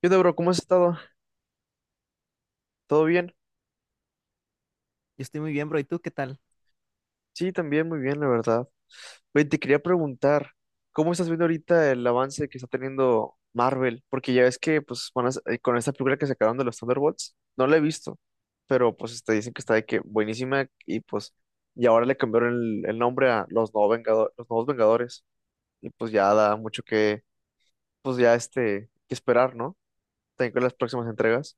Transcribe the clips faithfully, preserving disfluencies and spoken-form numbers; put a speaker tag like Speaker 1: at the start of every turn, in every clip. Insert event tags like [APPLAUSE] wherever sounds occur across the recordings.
Speaker 1: ¿Qué onda, bro? ¿Cómo has estado? ¿Todo bien?
Speaker 2: Yo estoy muy bien, bro. ¿Y tú qué tal?
Speaker 1: Sí, también muy bien, la verdad. Oye, te quería preguntar, ¿cómo estás viendo ahorita el avance que está teniendo Marvel? Porque ya ves que, pues, van a sa- eh, con esta película que sacaron de los Thunderbolts, no la he visto, pero pues este, dicen que está de que buenísima y pues, y ahora le cambiaron el, el nombre a los nuevos Vengado- los nuevos Vengadores y pues ya da mucho que, pues ya este, que esperar, ¿no? También con las próximas entregas.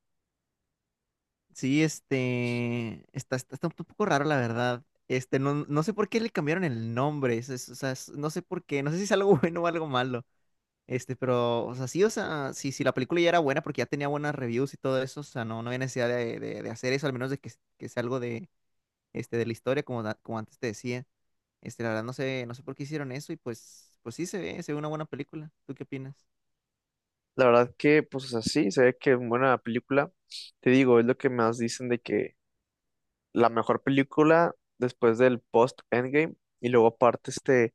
Speaker 2: Sí, este, está, está, está un poco raro, la verdad. Este, no, no sé por qué le cambiaron el nombre. Es- es- o sea, es- no sé por qué. No sé si es algo [LAUGHS] bueno o algo malo. Este, pero, o sea, sí, o sea, sí, sí, la película ya era buena porque ya tenía buenas reviews y todo eso. O sea, no, no había necesidad de, de- de hacer eso, al menos de que, que sea algo de, este, de la historia, como, da- como antes te decía. Este, la verdad, no sé, no sé por qué hicieron eso y pues, pues sí se ve, se ve una buena película. ¿Tú qué opinas?
Speaker 1: La verdad que, pues, o sea, sí, se ve que es buena película. Te digo, es lo que más dicen de que la mejor película después del post-Endgame. Y luego aparte, este,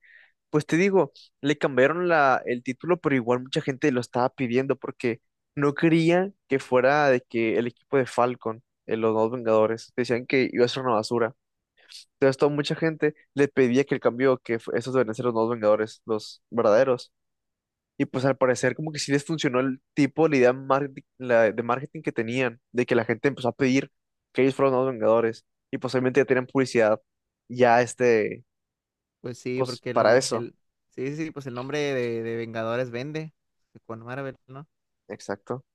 Speaker 1: pues te digo, le cambiaron la, el título, pero igual mucha gente lo estaba pidiendo porque no quería que fuera de que el equipo de Falcon, eh, los dos Vengadores, decían que iba a ser una basura. Entonces, toda mucha gente le pedía que el cambio, que fu- esos deben ser los nuevos Vengadores, los verdaderos. Y pues al parecer como que sí les funcionó el tipo, la idea market- la- de marketing que tenían, de que la gente empezó a pedir que ellos fueran los nuevos Vengadores. Y posiblemente ya tenían publicidad ya este,
Speaker 2: Pues sí,
Speaker 1: pues
Speaker 2: porque el,
Speaker 1: para eso.
Speaker 2: el- sí, sí, sí, pues el nombre de, de Vengadores vende con Marvel, ¿no?
Speaker 1: Exacto.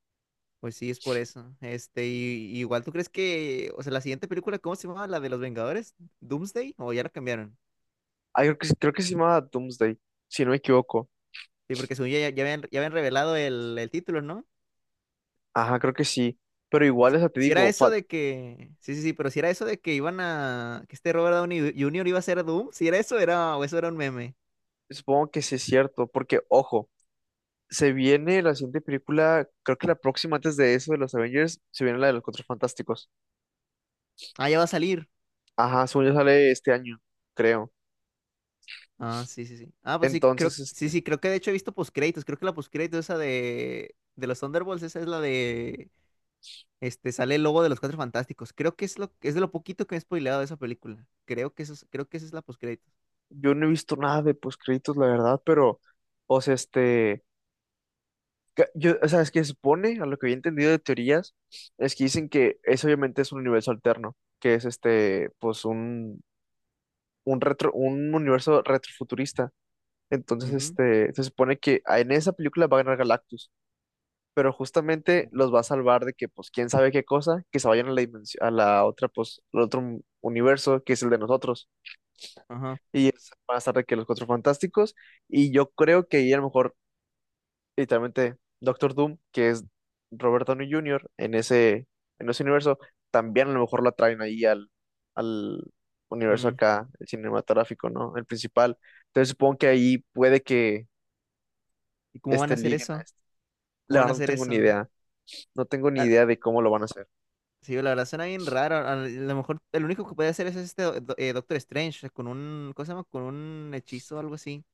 Speaker 2: Pues sí, es por eso. Este, y, y igual tú crees que, o sea, la siguiente película, ¿cómo se llamaba? ¿La de los Vengadores? ¿Doomsday? ¿O ya la cambiaron?
Speaker 1: Ah, creo que, sí- creo que se llamaba Doomsday, si no me equivoco.
Speaker 2: Sí, porque según ya, ya, ya habían, ya habían revelado el, el título, ¿no?
Speaker 1: Ajá, creo que sí. Pero igual, o sea, te
Speaker 2: Si era
Speaker 1: digo,
Speaker 2: eso
Speaker 1: fa-
Speaker 2: de que, sí, sí, sí, pero si era eso de que iban a, que este Robert Downey junior iba a ser Doom, si era eso, era, o eso era un meme.
Speaker 1: supongo que sí es cierto, porque ojo, se viene la siguiente película, creo que la próxima antes de eso de los Avengers, se viene la de los Cuatro Fantásticos.
Speaker 2: Ah, ya va a salir.
Speaker 1: Ajá, según yo sale este año, creo.
Speaker 2: Ah, sí, sí, sí. Ah, pues sí,
Speaker 1: Entonces,
Speaker 2: creo, sí,
Speaker 1: este,
Speaker 2: sí, creo que de hecho he visto postcréditos. Creo que la postcrédito esa de, de los Thunderbolts, esa es la de, este, sale el logo de los Cuatro Fantásticos. Creo que es lo, es de lo poquito que me he spoileado de esa película. Creo que eso, es- creo que esa es la postcréditos.
Speaker 1: yo no he visto nada de créditos la verdad, pero, o sea, este, ca- yo, o sea, es que se supone, a lo que había entendido de teorías, es que dicen que eso obviamente es un universo alterno, que es este, pues un, un retro, un universo retrofuturista. Entonces,
Speaker 2: Ujú.
Speaker 1: este, se supone que a- en esa película va a ganar Galactus, pero justamente
Speaker 2: Mm.
Speaker 1: los va a salvar de que, pues, quién sabe qué cosa, que se vayan a la dimensión, a la otra, pues, al otro universo, que es el de nosotros.
Speaker 2: Ajá.
Speaker 1: Y es- van a estar de que los Cuatro Fantásticos. Y yo creo que ahí a lo mejor literalmente Doctor Doom, que es Robert Downey junior en ese, en ese universo, también a lo mejor lo traen ahí al, al universo
Speaker 2: mm.
Speaker 1: acá, el cinematográfico, ¿no? El principal. Entonces supongo que ahí puede que
Speaker 2: ¿Y cómo van a
Speaker 1: este
Speaker 2: hacer
Speaker 1: liguen a
Speaker 2: eso?
Speaker 1: este.
Speaker 2: ¿Cómo
Speaker 1: La
Speaker 2: van a
Speaker 1: verdad no
Speaker 2: hacer
Speaker 1: tengo ni
Speaker 2: eso?
Speaker 1: idea. No tengo ni
Speaker 2: Ah,
Speaker 1: idea de cómo lo van a hacer.
Speaker 2: sí, la verdad suena bien raro. A lo mejor el único que puede hacer es este do- do- eh, Doctor Strange con un, ¿cómo se llama? Con un hechizo o algo así.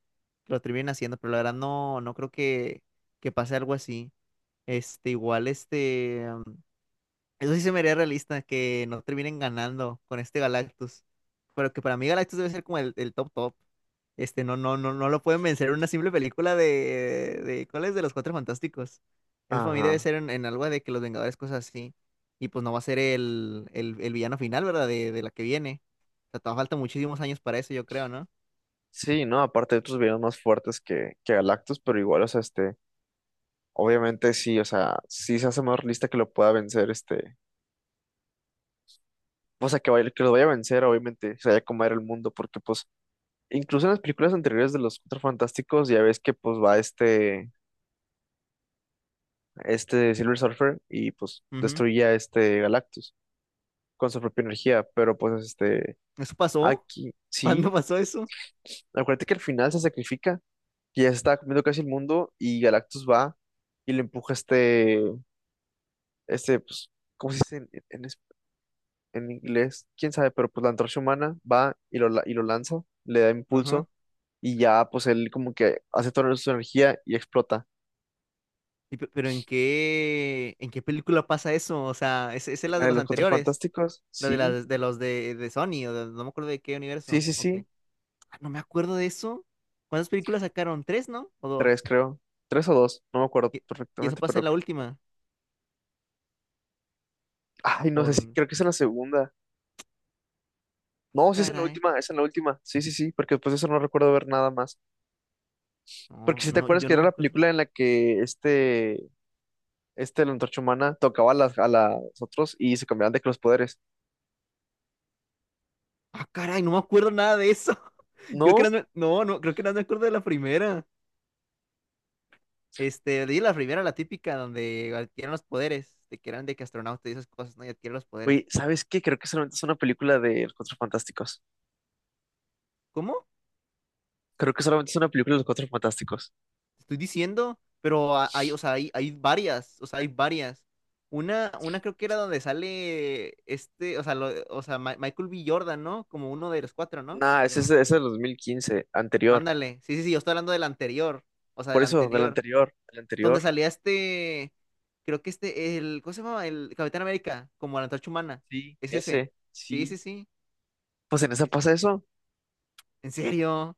Speaker 2: Que lo terminen haciendo, pero la verdad no, no creo que, que pase algo así. Este, igual, este, um, eso sí se me haría realista, que no terminen ganando con este Galactus. Pero que para mí Galactus debe ser como el, el top top. Este, no, no, no, no lo pueden vencer en una simple película de, de, ¿cuál es? De los Cuatro Fantásticos. Eso para mí debe
Speaker 1: Ajá.
Speaker 2: ser en, en algo de que los Vengadores, cosas así. Y pues no va a ser el, el, el villano final, ¿verdad? De, de la que viene. O sea, todavía falta muchísimos años para eso, yo creo, ¿no?
Speaker 1: Sí, ¿no? Aparte de otros villanos más fuertes que, que Galactus, pero igual, o sea, este, obviamente sí, o sea, sí se hace más realista que lo pueda vencer, este, o sea, que, vaya- que lo vaya a vencer, obviamente, se vaya a comer el mundo, porque pues incluso en las películas anteriores de los Cuatro Fantásticos ya ves que pues va este, este Silver Surfer y pues
Speaker 2: Ujú.
Speaker 1: destruye a este Galactus con su propia energía, pero pues este,
Speaker 2: ¿Eso pasó?
Speaker 1: aquí
Speaker 2: [LAUGHS] ¿Cuándo
Speaker 1: sí,
Speaker 2: pasó eso?
Speaker 1: acuérdate que al final se sacrifica, que ya se está comiendo casi el mundo y Galactus va y le empuja este, este pues, ¿cómo se dice en, en es- en inglés? ¿Quién sabe? Pero pues la antorcha humana va y lo, la- y lo lanza, le da
Speaker 2: Ajá.
Speaker 1: impulso y ya pues él como que hace toda su energía y explota.
Speaker 2: Y pe- pero ¿en qué, en qué película pasa eso? O sea, ¿es, ¿esa es la
Speaker 1: La
Speaker 2: de
Speaker 1: de
Speaker 2: los
Speaker 1: los Cuatro
Speaker 2: anteriores?
Speaker 1: Fantásticos,
Speaker 2: La de,
Speaker 1: sí,
Speaker 2: las de los de, de Sony, o de- no me acuerdo de qué
Speaker 1: sí,
Speaker 2: universo.
Speaker 1: sí,
Speaker 2: Ok.
Speaker 1: sí,
Speaker 2: Ah, no me acuerdo de eso. ¿Cuántas películas sacaron? ¿Tres, no? ¿O
Speaker 1: tres
Speaker 2: dos?
Speaker 1: creo, tres o dos, no me acuerdo
Speaker 2: ¿Y, y eso
Speaker 1: perfectamente,
Speaker 2: pasa en
Speaker 1: pero,
Speaker 2: la última?
Speaker 1: ay, no
Speaker 2: ¿O
Speaker 1: sé si,
Speaker 2: dónde?
Speaker 1: creo que es en la segunda, no, sí es en la
Speaker 2: Caray.
Speaker 1: última, es en la última, sí, sí, sí, porque después de eso no recuerdo ver nada más, porque
Speaker 2: No,
Speaker 1: si te
Speaker 2: no,
Speaker 1: acuerdas
Speaker 2: yo
Speaker 1: que
Speaker 2: no
Speaker 1: era
Speaker 2: me
Speaker 1: la
Speaker 2: acuerdo.
Speaker 1: película en la que este, este, la Antorcha Humana tocaba a las, a las otros y se cambiaban de que los poderes,
Speaker 2: Ah, caray, no me acuerdo nada de eso. [LAUGHS] Creo que
Speaker 1: no,
Speaker 2: no, me- no, no, creo que no me acuerdo de la primera. Este, leí la primera, la típica, donde adquieren los poderes, de que eran de que astronauta y esas cosas, ¿no? Y adquieren los poderes.
Speaker 1: güey, ¿sabes qué? Creo que solamente es una película de los Cuatro Fantásticos,
Speaker 2: ¿Cómo?
Speaker 1: creo que solamente es una película de los Cuatro Fantásticos,
Speaker 2: Te estoy diciendo, pero ha- hay, o sea, hay, hay varias, o sea, hay varias. Una, una creo que era donde sale este, o sea, lo- o sea, Ma- Michael B. Jordan, ¿no? Como uno de los cuatro, ¿no?
Speaker 1: nah,
Speaker 2: ¿O
Speaker 1: ese es,
Speaker 2: no?
Speaker 1: ese es del dos mil quince anterior,
Speaker 2: Ándale, sí, sí, sí, yo estoy hablando del anterior, o sea,
Speaker 1: por
Speaker 2: del
Speaker 1: eso, del
Speaker 2: anterior,
Speaker 1: anterior, del
Speaker 2: donde
Speaker 1: anterior.
Speaker 2: salía este, creo que este, el, ¿cómo se llama? El Capitán América, como la antorcha humana,
Speaker 1: Sí,
Speaker 2: es ese,
Speaker 1: ese,
Speaker 2: sí,
Speaker 1: sí.
Speaker 2: sí, sí,
Speaker 1: Pues en esa
Speaker 2: sí.
Speaker 1: pasa eso.
Speaker 2: ¿En serio?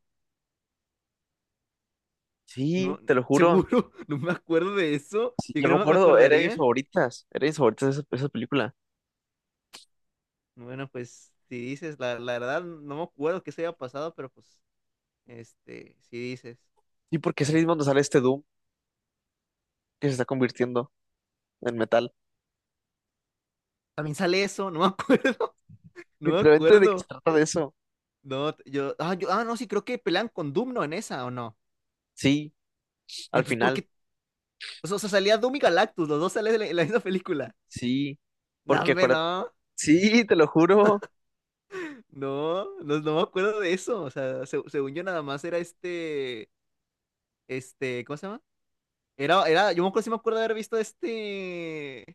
Speaker 2: No,
Speaker 1: Sí, te lo juro.
Speaker 2: ¿seguro? [LAUGHS] No me acuerdo de eso,
Speaker 1: Sí,
Speaker 2: yo
Speaker 1: yo me
Speaker 2: creo que me
Speaker 1: acuerdo, era de mis
Speaker 2: acordaría.
Speaker 1: favoritas. Era de mis favoritas esa, esa película.
Speaker 2: Bueno, pues si dices, la, la verdad no me acuerdo que se haya pasado, pero pues, este, si dices,
Speaker 1: ¿Y por qué es ahí
Speaker 2: es-
Speaker 1: donde sale este Doom que se está convirtiendo en metal?
Speaker 2: también sale eso, no me acuerdo, [LAUGHS] no me
Speaker 1: Literalmente de qué se
Speaker 2: acuerdo.
Speaker 1: trata de eso.
Speaker 2: No, t- yo, ah, yo, ah, no, sí, creo que pelean con Doom, ¿no? En esa, ¿o no?
Speaker 1: Sí, al
Speaker 2: Entonces, ¿por
Speaker 1: final.
Speaker 2: qué? O sea, o sea, salía Doom y Galactus, los dos salen en la en la misma película.
Speaker 1: Sí.
Speaker 2: No,
Speaker 1: Porque
Speaker 2: hombre,
Speaker 1: acuérdate.
Speaker 2: no,
Speaker 1: Sí, te lo juro.
Speaker 2: no, no, no me acuerdo de eso, o sea, se- según yo nada más era este, este, ¿cómo se llama? Era, era, yo me acuerdo, sí me acuerdo de haber visto este.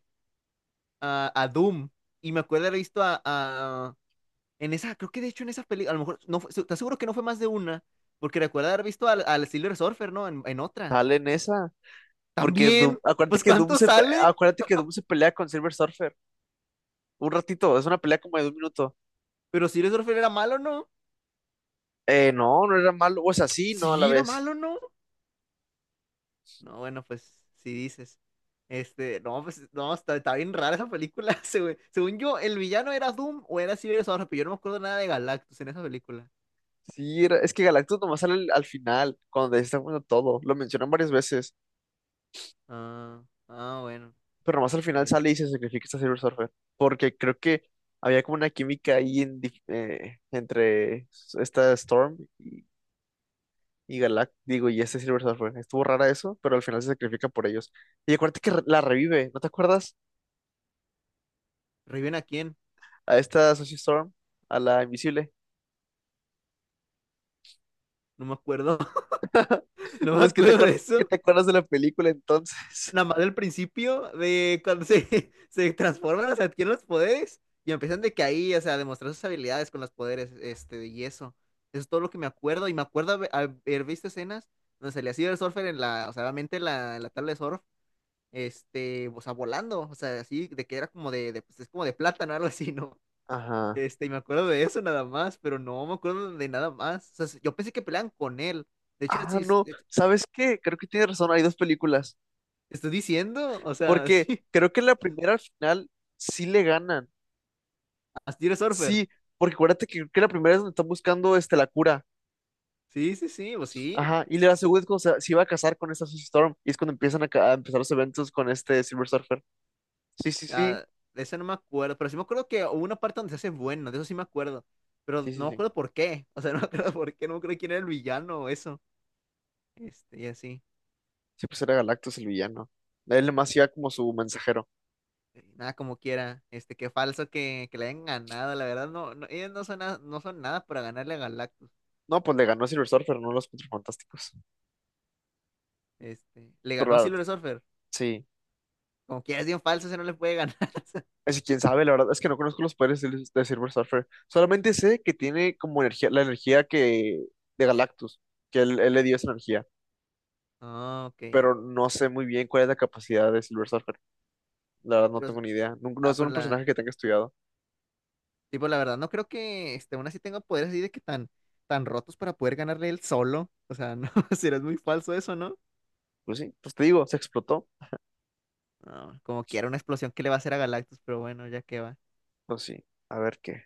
Speaker 2: a, a Doom. Y me acuerdo haber visto a, a- en esa, creo que de hecho en esa película, a lo mejor, no fue, se- te aseguro que no fue más de una, porque recuerdo haber visto al, al Silver Surfer, ¿no? En, en otra.
Speaker 1: Sale en esa. Porque Doom,
Speaker 2: También.
Speaker 1: acuérdate
Speaker 2: Pues
Speaker 1: que Doom
Speaker 2: ¿cuántos
Speaker 1: se pe-
Speaker 2: salen?
Speaker 1: acuérdate que Doom se pelea con Silver Surfer. Un ratito, es una pelea como de un minuto.
Speaker 2: Pero Silver Surfer era malo, ¿no?
Speaker 1: Eh, no, no era malo. O sea, sí, no a la
Speaker 2: Sí, era
Speaker 1: vez.
Speaker 2: malo, ¿no? No, bueno, pues si dices. Este, no, pues no, está, está bien rara esa película. [LAUGHS] según Según yo, el villano era Doom o era Silver Surfer, pero yo no me acuerdo nada de Galactus en esa película.
Speaker 1: Sí, era- es que Galactus nomás sale al, al final, cuando está poniendo todo. Lo mencionan varias veces,
Speaker 2: Ah, ah, bueno.
Speaker 1: pero nomás al final sale y
Speaker 2: Este.
Speaker 1: se sacrifica a Silver Surfer. Porque creo que había como una química ahí en dif- eh, entre esta Storm y, y Galactus, digo, y este Silver Surfer. Estuvo rara eso, pero al final se sacrifica por ellos. Y acuérdate que re- la revive, ¿no te acuerdas?
Speaker 2: ¿Reviven a quién?
Speaker 1: A esta Sushi Storm, a la invisible.
Speaker 2: No me acuerdo.
Speaker 1: [LAUGHS]
Speaker 2: No me
Speaker 1: Pues que te
Speaker 2: acuerdo de
Speaker 1: acuer- que
Speaker 2: eso.
Speaker 1: te acuerdas de la película entonces.
Speaker 2: Nada más del principio de cuando se, [LAUGHS] se transforman, o sea, adquieren los poderes y empiezan de que ahí, o sea, a demostrar sus habilidades con los poderes, este, y eso. Eso es todo lo que me acuerdo. Y me acuerdo haber, haber visto escenas donde salía Silver Surfer en la, o sea, obviamente en la, en la tabla de surf, este, o sea, volando, o sea, así, de que era como de, de pues, es como de plátano, algo así, ¿no?
Speaker 1: [LAUGHS] Ajá.
Speaker 2: Este, y me acuerdo de eso nada más, pero no me acuerdo de nada más. O sea, yo pensé que peleaban con él. De hecho,
Speaker 1: Ah,
Speaker 2: sí, sí,
Speaker 1: no,
Speaker 2: de hecho,
Speaker 1: ¿sabes qué? Creo que tiene razón, hay dos películas.
Speaker 2: te estoy diciendo, o sea, [LAUGHS]
Speaker 1: Porque
Speaker 2: sí,
Speaker 1: creo que la primera al final sí le ganan.
Speaker 2: Astiro Surfer.
Speaker 1: Sí, porque acuérdate que, creo que la primera es donde están buscando este, la cura.
Speaker 2: Sí, sí, sí, pues sí.
Speaker 1: Ajá. Y la segunda es cuando se, se iba a casar con esta Susie Storm. Y es cuando empiezan a, ca- a empezar los eventos con este Silver Surfer. Sí, sí, sí.
Speaker 2: Ah, de eso no me acuerdo. Pero sí me acuerdo que hubo una parte donde se hace bueno, de eso sí me acuerdo. Pero
Speaker 1: Sí,
Speaker 2: no
Speaker 1: sí,
Speaker 2: me
Speaker 1: sí.
Speaker 2: acuerdo por qué. O sea, [LAUGHS] no me acuerdo por qué, no me acuerdo quién era el villano o eso. Este, y así.
Speaker 1: Sí, pues era Galactus el villano. Él nomás iba como su mensajero.
Speaker 2: Y Nada como quiera. Este, qué falso que, que le hayan ganado. La verdad, no, no, ellos no son, nada- no son nada para ganarle a Galactus.
Speaker 1: No, pues le ganó a Silver Surfer, no a los Cuatro Fantásticos.
Speaker 2: Este, le
Speaker 1: Pero
Speaker 2: ganó
Speaker 1: la-
Speaker 2: Silver Surfer.
Speaker 1: sí.
Speaker 2: Como quiera es bien falso, se no le puede ganar. [LAUGHS]
Speaker 1: Es que quién sabe, la verdad es que no conozco los poderes del- de Silver Surfer. Solamente sé que tiene como energía, la energía que de Galactus, que él, él le dio esa energía,
Speaker 2: Ah, ok.
Speaker 1: pero no sé muy bien cuál es la capacidad de Silver Surfer. La verdad no
Speaker 2: Pero,
Speaker 1: tengo ni idea. Nun- No,
Speaker 2: ah,
Speaker 1: es
Speaker 2: pero
Speaker 1: un
Speaker 2: la,
Speaker 1: personaje que tenga estudiado.
Speaker 2: tipo, la verdad, no creo que este, aún así tenga poderes así de que tan, tan rotos para poder ganarle él solo. O sea, no, [LAUGHS] será muy falso eso, ¿no?
Speaker 1: Pues sí, pues te digo, se explotó.
Speaker 2: No, como quiera una explosión que le va a hacer a Galactus, pero bueno, ya que va.
Speaker 1: Pues sí, a ver qué.